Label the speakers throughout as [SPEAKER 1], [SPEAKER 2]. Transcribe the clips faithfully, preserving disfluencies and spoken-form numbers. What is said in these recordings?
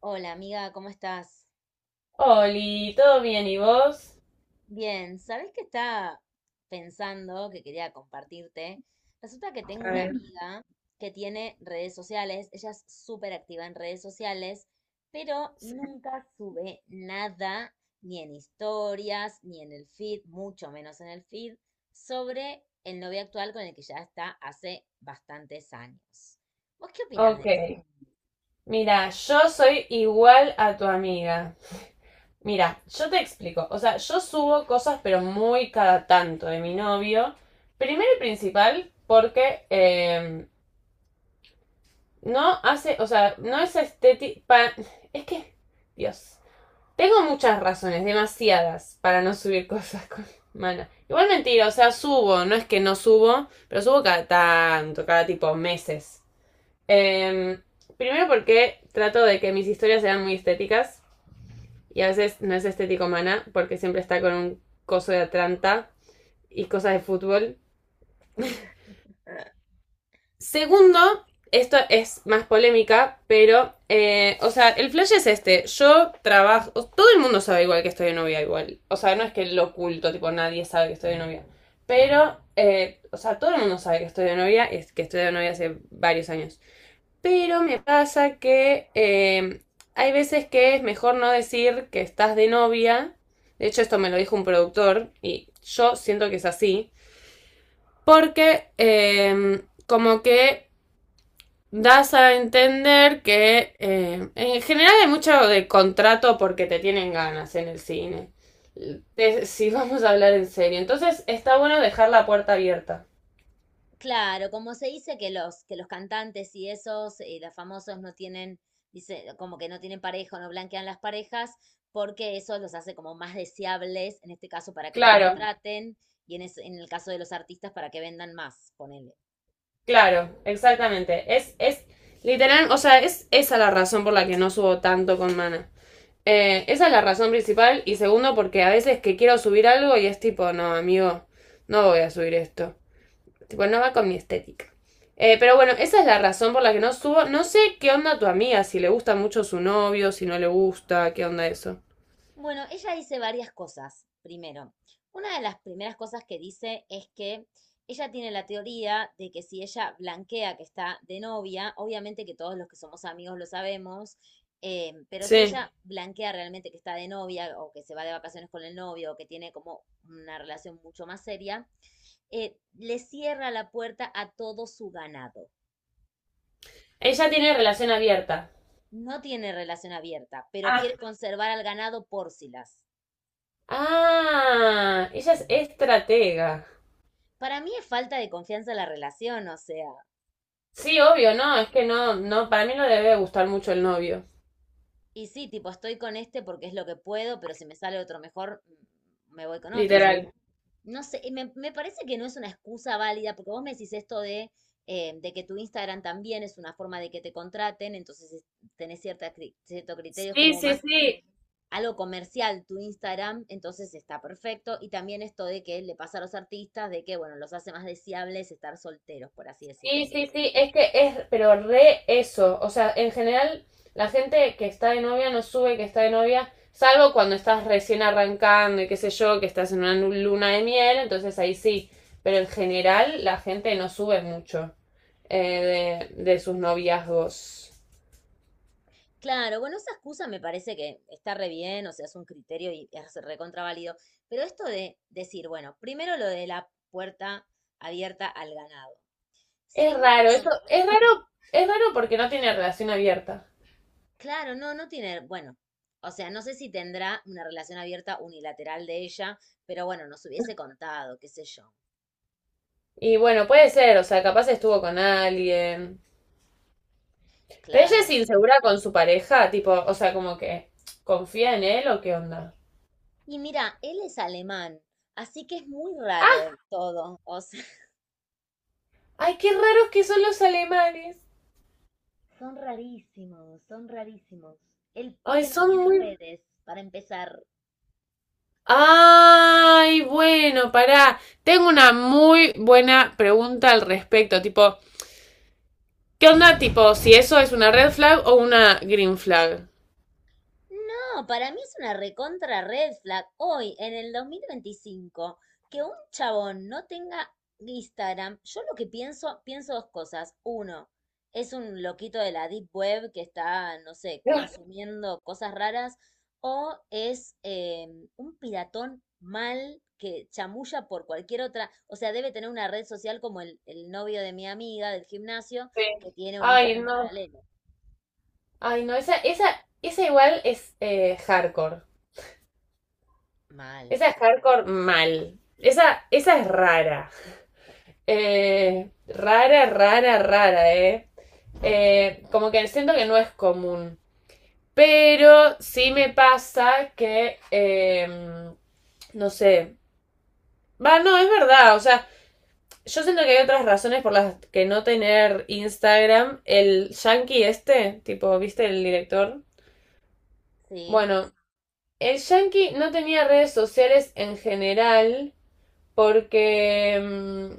[SPEAKER 1] Hola amiga, ¿cómo estás?
[SPEAKER 2] Oli, ¿todo bien y vos?
[SPEAKER 1] Bien, ¿sabés qué estaba pensando que quería compartirte? Resulta que tengo una amiga que tiene redes sociales, ella es súper activa en redes sociales, pero nunca sube nada, ni en historias, ni en el feed, mucho menos en el feed, sobre el novio actual con el que ya está hace bastantes años. ¿Vos qué opinás de
[SPEAKER 2] Ok,
[SPEAKER 1] eso?
[SPEAKER 2] mira, yo soy igual a tu amiga. Mira, yo te explico. O sea, yo subo cosas, pero muy cada tanto de mi novio. Primero y principal, porque eh, no hace, o sea, no es estético. Es que, Dios. Tengo muchas razones, demasiadas, para no subir cosas con Mana. Igual mentira, o sea, subo, no es que no subo, pero subo cada tanto, cada tipo meses. Em, Primero porque trato de que mis historias sean muy estéticas y a veces no es estético mana porque siempre está con un coso de Atlanta y cosas de fútbol. Segundo, esto es más polémica, pero, eh, o sea, el flash es este. Yo trabajo, todo el mundo sabe igual que estoy de novia igual. O sea, no es que lo oculto, tipo, nadie sabe que estoy de novia. Pero, eh, o sea, todo el mundo sabe que estoy de novia, es que estoy de novia hace varios años. Pero me pasa que eh, hay veces que es mejor no decir que estás de novia. De hecho, esto me lo dijo un productor y yo siento que es así. Porque eh, como que das a entender que eh, en general hay mucho de contrato porque te tienen ganas en el cine. Si vamos a hablar en serio. Entonces está bueno dejar la puerta abierta.
[SPEAKER 1] Claro, como se dice que los, que los cantantes y esos, eh, los famosos no tienen, dice, como que no tienen pareja o no blanquean las parejas, porque eso los hace como más deseables, en este caso para que te
[SPEAKER 2] Claro.
[SPEAKER 1] contraten, y en, es- en el caso de los artistas para que vendan más, ponele.
[SPEAKER 2] Claro, exactamente. Es, es literal, o sea, es esa la razón por la que no subo tanto con Mana. Eh, esa es la razón principal y segundo porque a veces que quiero subir algo y es tipo, no, amigo, no voy a subir esto. Tipo, no va con mi estética. Eh, pero bueno, esa es la razón por la que no subo. No sé qué onda tu amiga, si le gusta mucho su novio, si no le gusta, qué onda eso.
[SPEAKER 1] Bueno, ella dice varias cosas. Primero, una de las primeras cosas que dice es que ella tiene la teoría de que si ella blanquea que está de novia, obviamente que todos los que somos amigos lo sabemos, eh, pero si
[SPEAKER 2] Sí.
[SPEAKER 1] ella blanquea realmente que está de novia o que se va de vacaciones con el novio o que tiene como una relación mucho más seria, eh, le cierra la puerta a todo su ganado.
[SPEAKER 2] Ella tiene relación abierta.
[SPEAKER 1] No tiene relación abierta, pero
[SPEAKER 2] Ah.
[SPEAKER 1] quiere conservar al ganado por si las.
[SPEAKER 2] Ah, ella es estratega.
[SPEAKER 1] Para mí es falta de confianza en la relación, o sea,
[SPEAKER 2] Sí, obvio, no, es que no, no, para mí no le debe gustar mucho el novio,
[SPEAKER 1] y sí, tipo, estoy con este porque es lo que puedo, pero si me sale otro mejor, mm, me voy con otro. O sea,
[SPEAKER 2] literal.
[SPEAKER 1] no sé, y me, me parece que no es una excusa válida, porque vos me decís esto de, eh, de que tu Instagram también es una forma de que te contraten, entonces es- tenés cierta, cri- cierto criterio, es
[SPEAKER 2] Sí,
[SPEAKER 1] como
[SPEAKER 2] sí,
[SPEAKER 1] más
[SPEAKER 2] sí,
[SPEAKER 1] algo comercial tu Instagram, entonces está perfecto. Y también esto de que le pasa a los artistas, de que, bueno, los hace más deseables estar solteros, por así
[SPEAKER 2] sí,
[SPEAKER 1] decirlo.
[SPEAKER 2] sí, sí, es que es, pero re eso, o sea, en general la gente que está de novia no sube que está de novia, salvo cuando estás recién arrancando y qué sé yo, que estás en una nu- luna de miel, entonces ahí sí, pero en general la gente no sube mucho eh, de, de sus noviazgos.
[SPEAKER 1] Claro, bueno, esa excusa me parece que está re bien, o sea, es un criterio y es recontraválido, pero esto de decir, bueno, primero lo de la puerta abierta al ganado.
[SPEAKER 2] Es raro, eso,
[SPEAKER 1] Segundo,
[SPEAKER 2] es raro, es raro porque no tiene relación abierta.
[SPEAKER 1] claro, no, no tiene, bueno, o sea, no sé si tendrá una relación abierta unilateral de ella, pero bueno, nos hubiese contado, qué sé yo,
[SPEAKER 2] Y bueno, puede ser, o sea, capaz estuvo con alguien. Pero ella es
[SPEAKER 1] claro.
[SPEAKER 2] insegura con su pareja, tipo, o sea, como que confía en él o qué onda.
[SPEAKER 1] Y mira, él es alemán, así que es muy
[SPEAKER 2] Ah,
[SPEAKER 1] raro todo, o sea,
[SPEAKER 2] ay, qué raros que son los alemanes.
[SPEAKER 1] Son rarísimos, son rarísimos. El
[SPEAKER 2] Ay,
[SPEAKER 1] pibe no
[SPEAKER 2] son
[SPEAKER 1] tiene
[SPEAKER 2] muy...
[SPEAKER 1] redes, para empezar.
[SPEAKER 2] Ay, bueno, pará. Tengo una muy buena pregunta al respecto, tipo, ¿qué onda, tipo, si eso es una red flag o una green flag?
[SPEAKER 1] No, para mí es una recontra red flag hoy, en el dos mil veinticinco que un chabón no tenga Instagram. Yo lo que pienso, pienso dos cosas. Uno, es un loquito de la deep web que está, no sé,
[SPEAKER 2] Ah,
[SPEAKER 1] consumiendo cosas raras. O es eh, un piratón mal que chamulla por cualquier otra. O sea, debe tener una red social como el, el novio de mi amiga del gimnasio que
[SPEAKER 2] sí.
[SPEAKER 1] tiene un
[SPEAKER 2] Ay,
[SPEAKER 1] Instagram
[SPEAKER 2] no.
[SPEAKER 1] paralelo.
[SPEAKER 2] Ay, no, esa, esa, esa igual es eh, hardcore.
[SPEAKER 1] Mal.
[SPEAKER 2] Esa es hardcore mal. Esa, esa es rara. Eh, rara, rara, rara, ¿eh? Eh, Como que siento que no es común. Pero sí me pasa que, eh, no sé. Va, no, es verdad. O sea, yo siento que hay otras razones por las que no tener Instagram. El yankee este, tipo, ¿viste el director?
[SPEAKER 1] Sí.
[SPEAKER 2] Bueno, el yankee no tenía redes sociales en general porque... mm,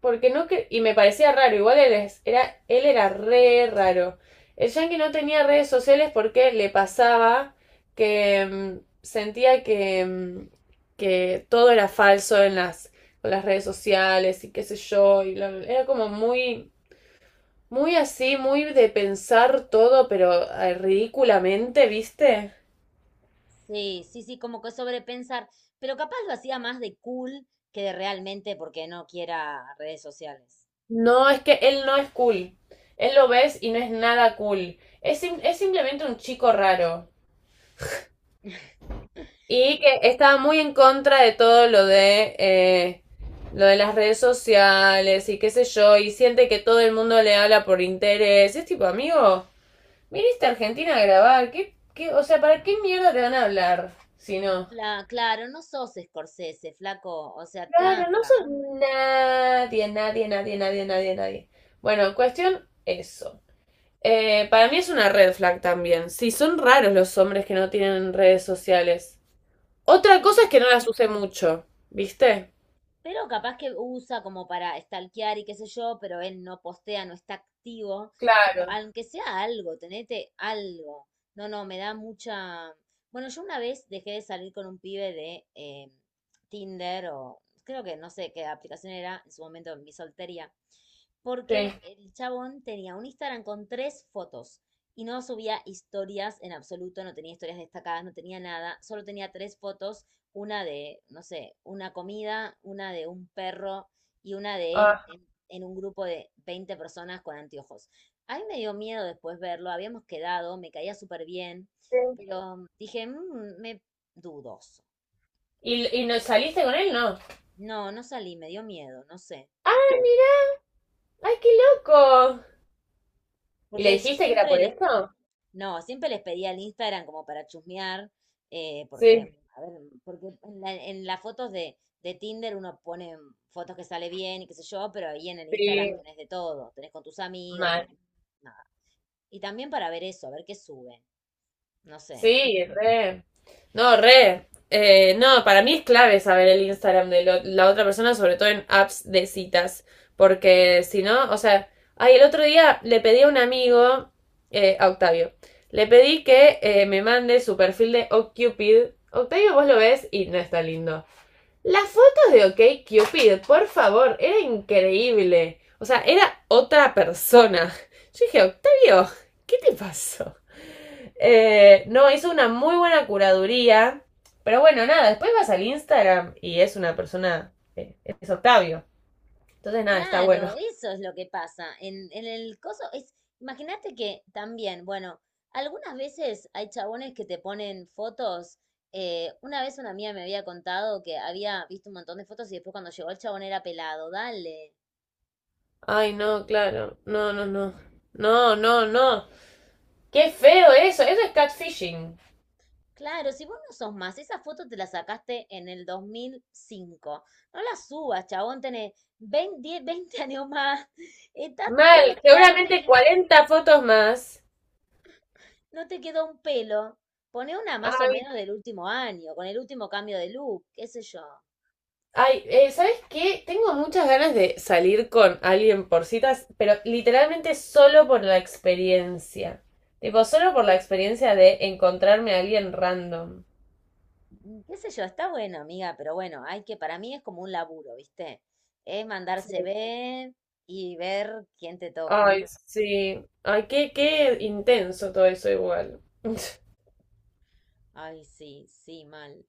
[SPEAKER 2] porque no que... Y me parecía raro, igual él, es- era, él era re raro. El Yankee no tenía redes sociales porque le pasaba que mm, sentía que, mm, que todo era falso en las, con las redes sociales y qué sé yo. Y bla, bla, bla. Era como muy, muy así, muy de pensar todo, pero eh, ridículamente, ¿viste?
[SPEAKER 1] Sí, sí, sí, como que sobrepensar, pero capaz lo hacía más de cool que de realmente porque no quiera redes sociales.
[SPEAKER 2] No, es que él no es cool. Él lo ves y no es nada cool. Es, es simplemente un chico raro. Y que estaba muy en contra de todo lo de eh, lo de las redes sociales y qué sé yo, y siente que todo el mundo le habla por interés. Es tipo, amigo, viniste a Argentina a grabar, ¿qué, qué, o sea, ¿para qué mierda te van a hablar si no?
[SPEAKER 1] La, claro, no sos Scorsese, flaco, o sea,
[SPEAKER 2] Claro, no
[SPEAKER 1] tranca.
[SPEAKER 2] son nadie, nadie, nadie, nadie, nadie, nadie. Bueno, cuestión eso. Eh, para mí es una red flag también. Sí, son raros los hombres que no tienen redes sociales. Otra cosa es que
[SPEAKER 1] Sí.
[SPEAKER 2] no las use mucho, ¿viste?
[SPEAKER 1] Pero capaz que usa como para stalkear y qué sé yo, pero él no postea, no está activo. Pero
[SPEAKER 2] Claro,
[SPEAKER 1] aunque sea algo, tenete algo. No, no, me da mucha... Bueno, yo una vez dejé de salir con un pibe de eh, Tinder o creo que no sé qué aplicación era en su momento en mi soltería, porque
[SPEAKER 2] sí.
[SPEAKER 1] el chabón tenía un Instagram con tres fotos y no subía historias en absoluto, no tenía historias destacadas, no tenía nada, solo tenía tres fotos una de, no sé, una comida, una de un perro y una de él
[SPEAKER 2] Ah.
[SPEAKER 1] en, en un grupo de veinte personas con anteojos. A mí me dio miedo después verlo, habíamos quedado, me caía súper bien,
[SPEAKER 2] Sí.
[SPEAKER 1] pero mm, dije, "Mm, me dudoso.
[SPEAKER 2] ¿Y, ¿Y no saliste con él? No.
[SPEAKER 1] No, no salí, me dio miedo, no sé.
[SPEAKER 2] ¡Ah, mira! ¡Ay, qué loco! ¿Y le
[SPEAKER 1] Porque yo
[SPEAKER 2] dijiste que era
[SPEAKER 1] siempre
[SPEAKER 2] por
[SPEAKER 1] le
[SPEAKER 2] eso?
[SPEAKER 1] No, siempre les pedía el Instagram como para chusmear, eh, porque,
[SPEAKER 2] Sí,
[SPEAKER 1] a ver, porque en la- en las fotos de, de Tinder uno pone fotos que sale bien y qué sé yo, pero ahí en el Instagram
[SPEAKER 2] sí,
[SPEAKER 1] tenés de todo, tenés con tus amigos, tenés
[SPEAKER 2] mal.
[SPEAKER 1] nada. Y también para ver eso, a ver qué sube, no sé.
[SPEAKER 2] Sí, re. No, re. Eh, no, para mí es clave saber el Instagram de lo- la otra persona, sobre todo en apps de citas, porque si no, o sea, ay, el otro día le pedí a un amigo, eh, a Octavio, le pedí que eh, me mande su perfil de OkCupid. Octavio, vos lo ves y no está lindo. Las fotos de OK Cupid, por favor, era increíble. O sea, era otra persona. Yo dije, Octavio, ¿qué te pasó? Eh, no, hizo una muy buena curaduría. Pero bueno, nada, después vas al Instagram y es una persona, eh, es Octavio. Entonces nada, está bueno.
[SPEAKER 1] Claro, eso es lo que pasa. En, en el coso es, imagínate que también, bueno, algunas veces hay chabones que te ponen fotos. Eh, una vez una amiga me había contado que había visto un montón de fotos y después cuando llegó el chabón era pelado. Dale.
[SPEAKER 2] Ay, no, claro. No, no, no. No, no, no. Qué feo eso. Eso es catfishing.
[SPEAKER 1] Claro, si vos no sos más, esa foto te la sacaste en el dos mil cinco. No la subas, chabón, tenés veinte diez, veinte años más. Estás
[SPEAKER 2] Mal.
[SPEAKER 1] todo pelado, no te
[SPEAKER 2] Seguramente
[SPEAKER 1] quedó
[SPEAKER 2] cuarenta fotos más.
[SPEAKER 1] No te quedó un pelo. Poné una más o menos del último año, con el último cambio de look, qué sé yo.
[SPEAKER 2] Ay, eh, ¿sabes qué? Tengo muchas ganas de salir con alguien por citas, pero literalmente solo por la experiencia. Tipo, solo por la experiencia de encontrarme a alguien random.
[SPEAKER 1] Mm, qué sé yo, está bueno, amiga, pero bueno, hay que, para mí es como un laburo, ¿viste? Es mandarse ver y ver quién te toca.
[SPEAKER 2] Ay, sí. Ay, qué, qué intenso todo eso igual.
[SPEAKER 1] Ay, sí, sí, mal.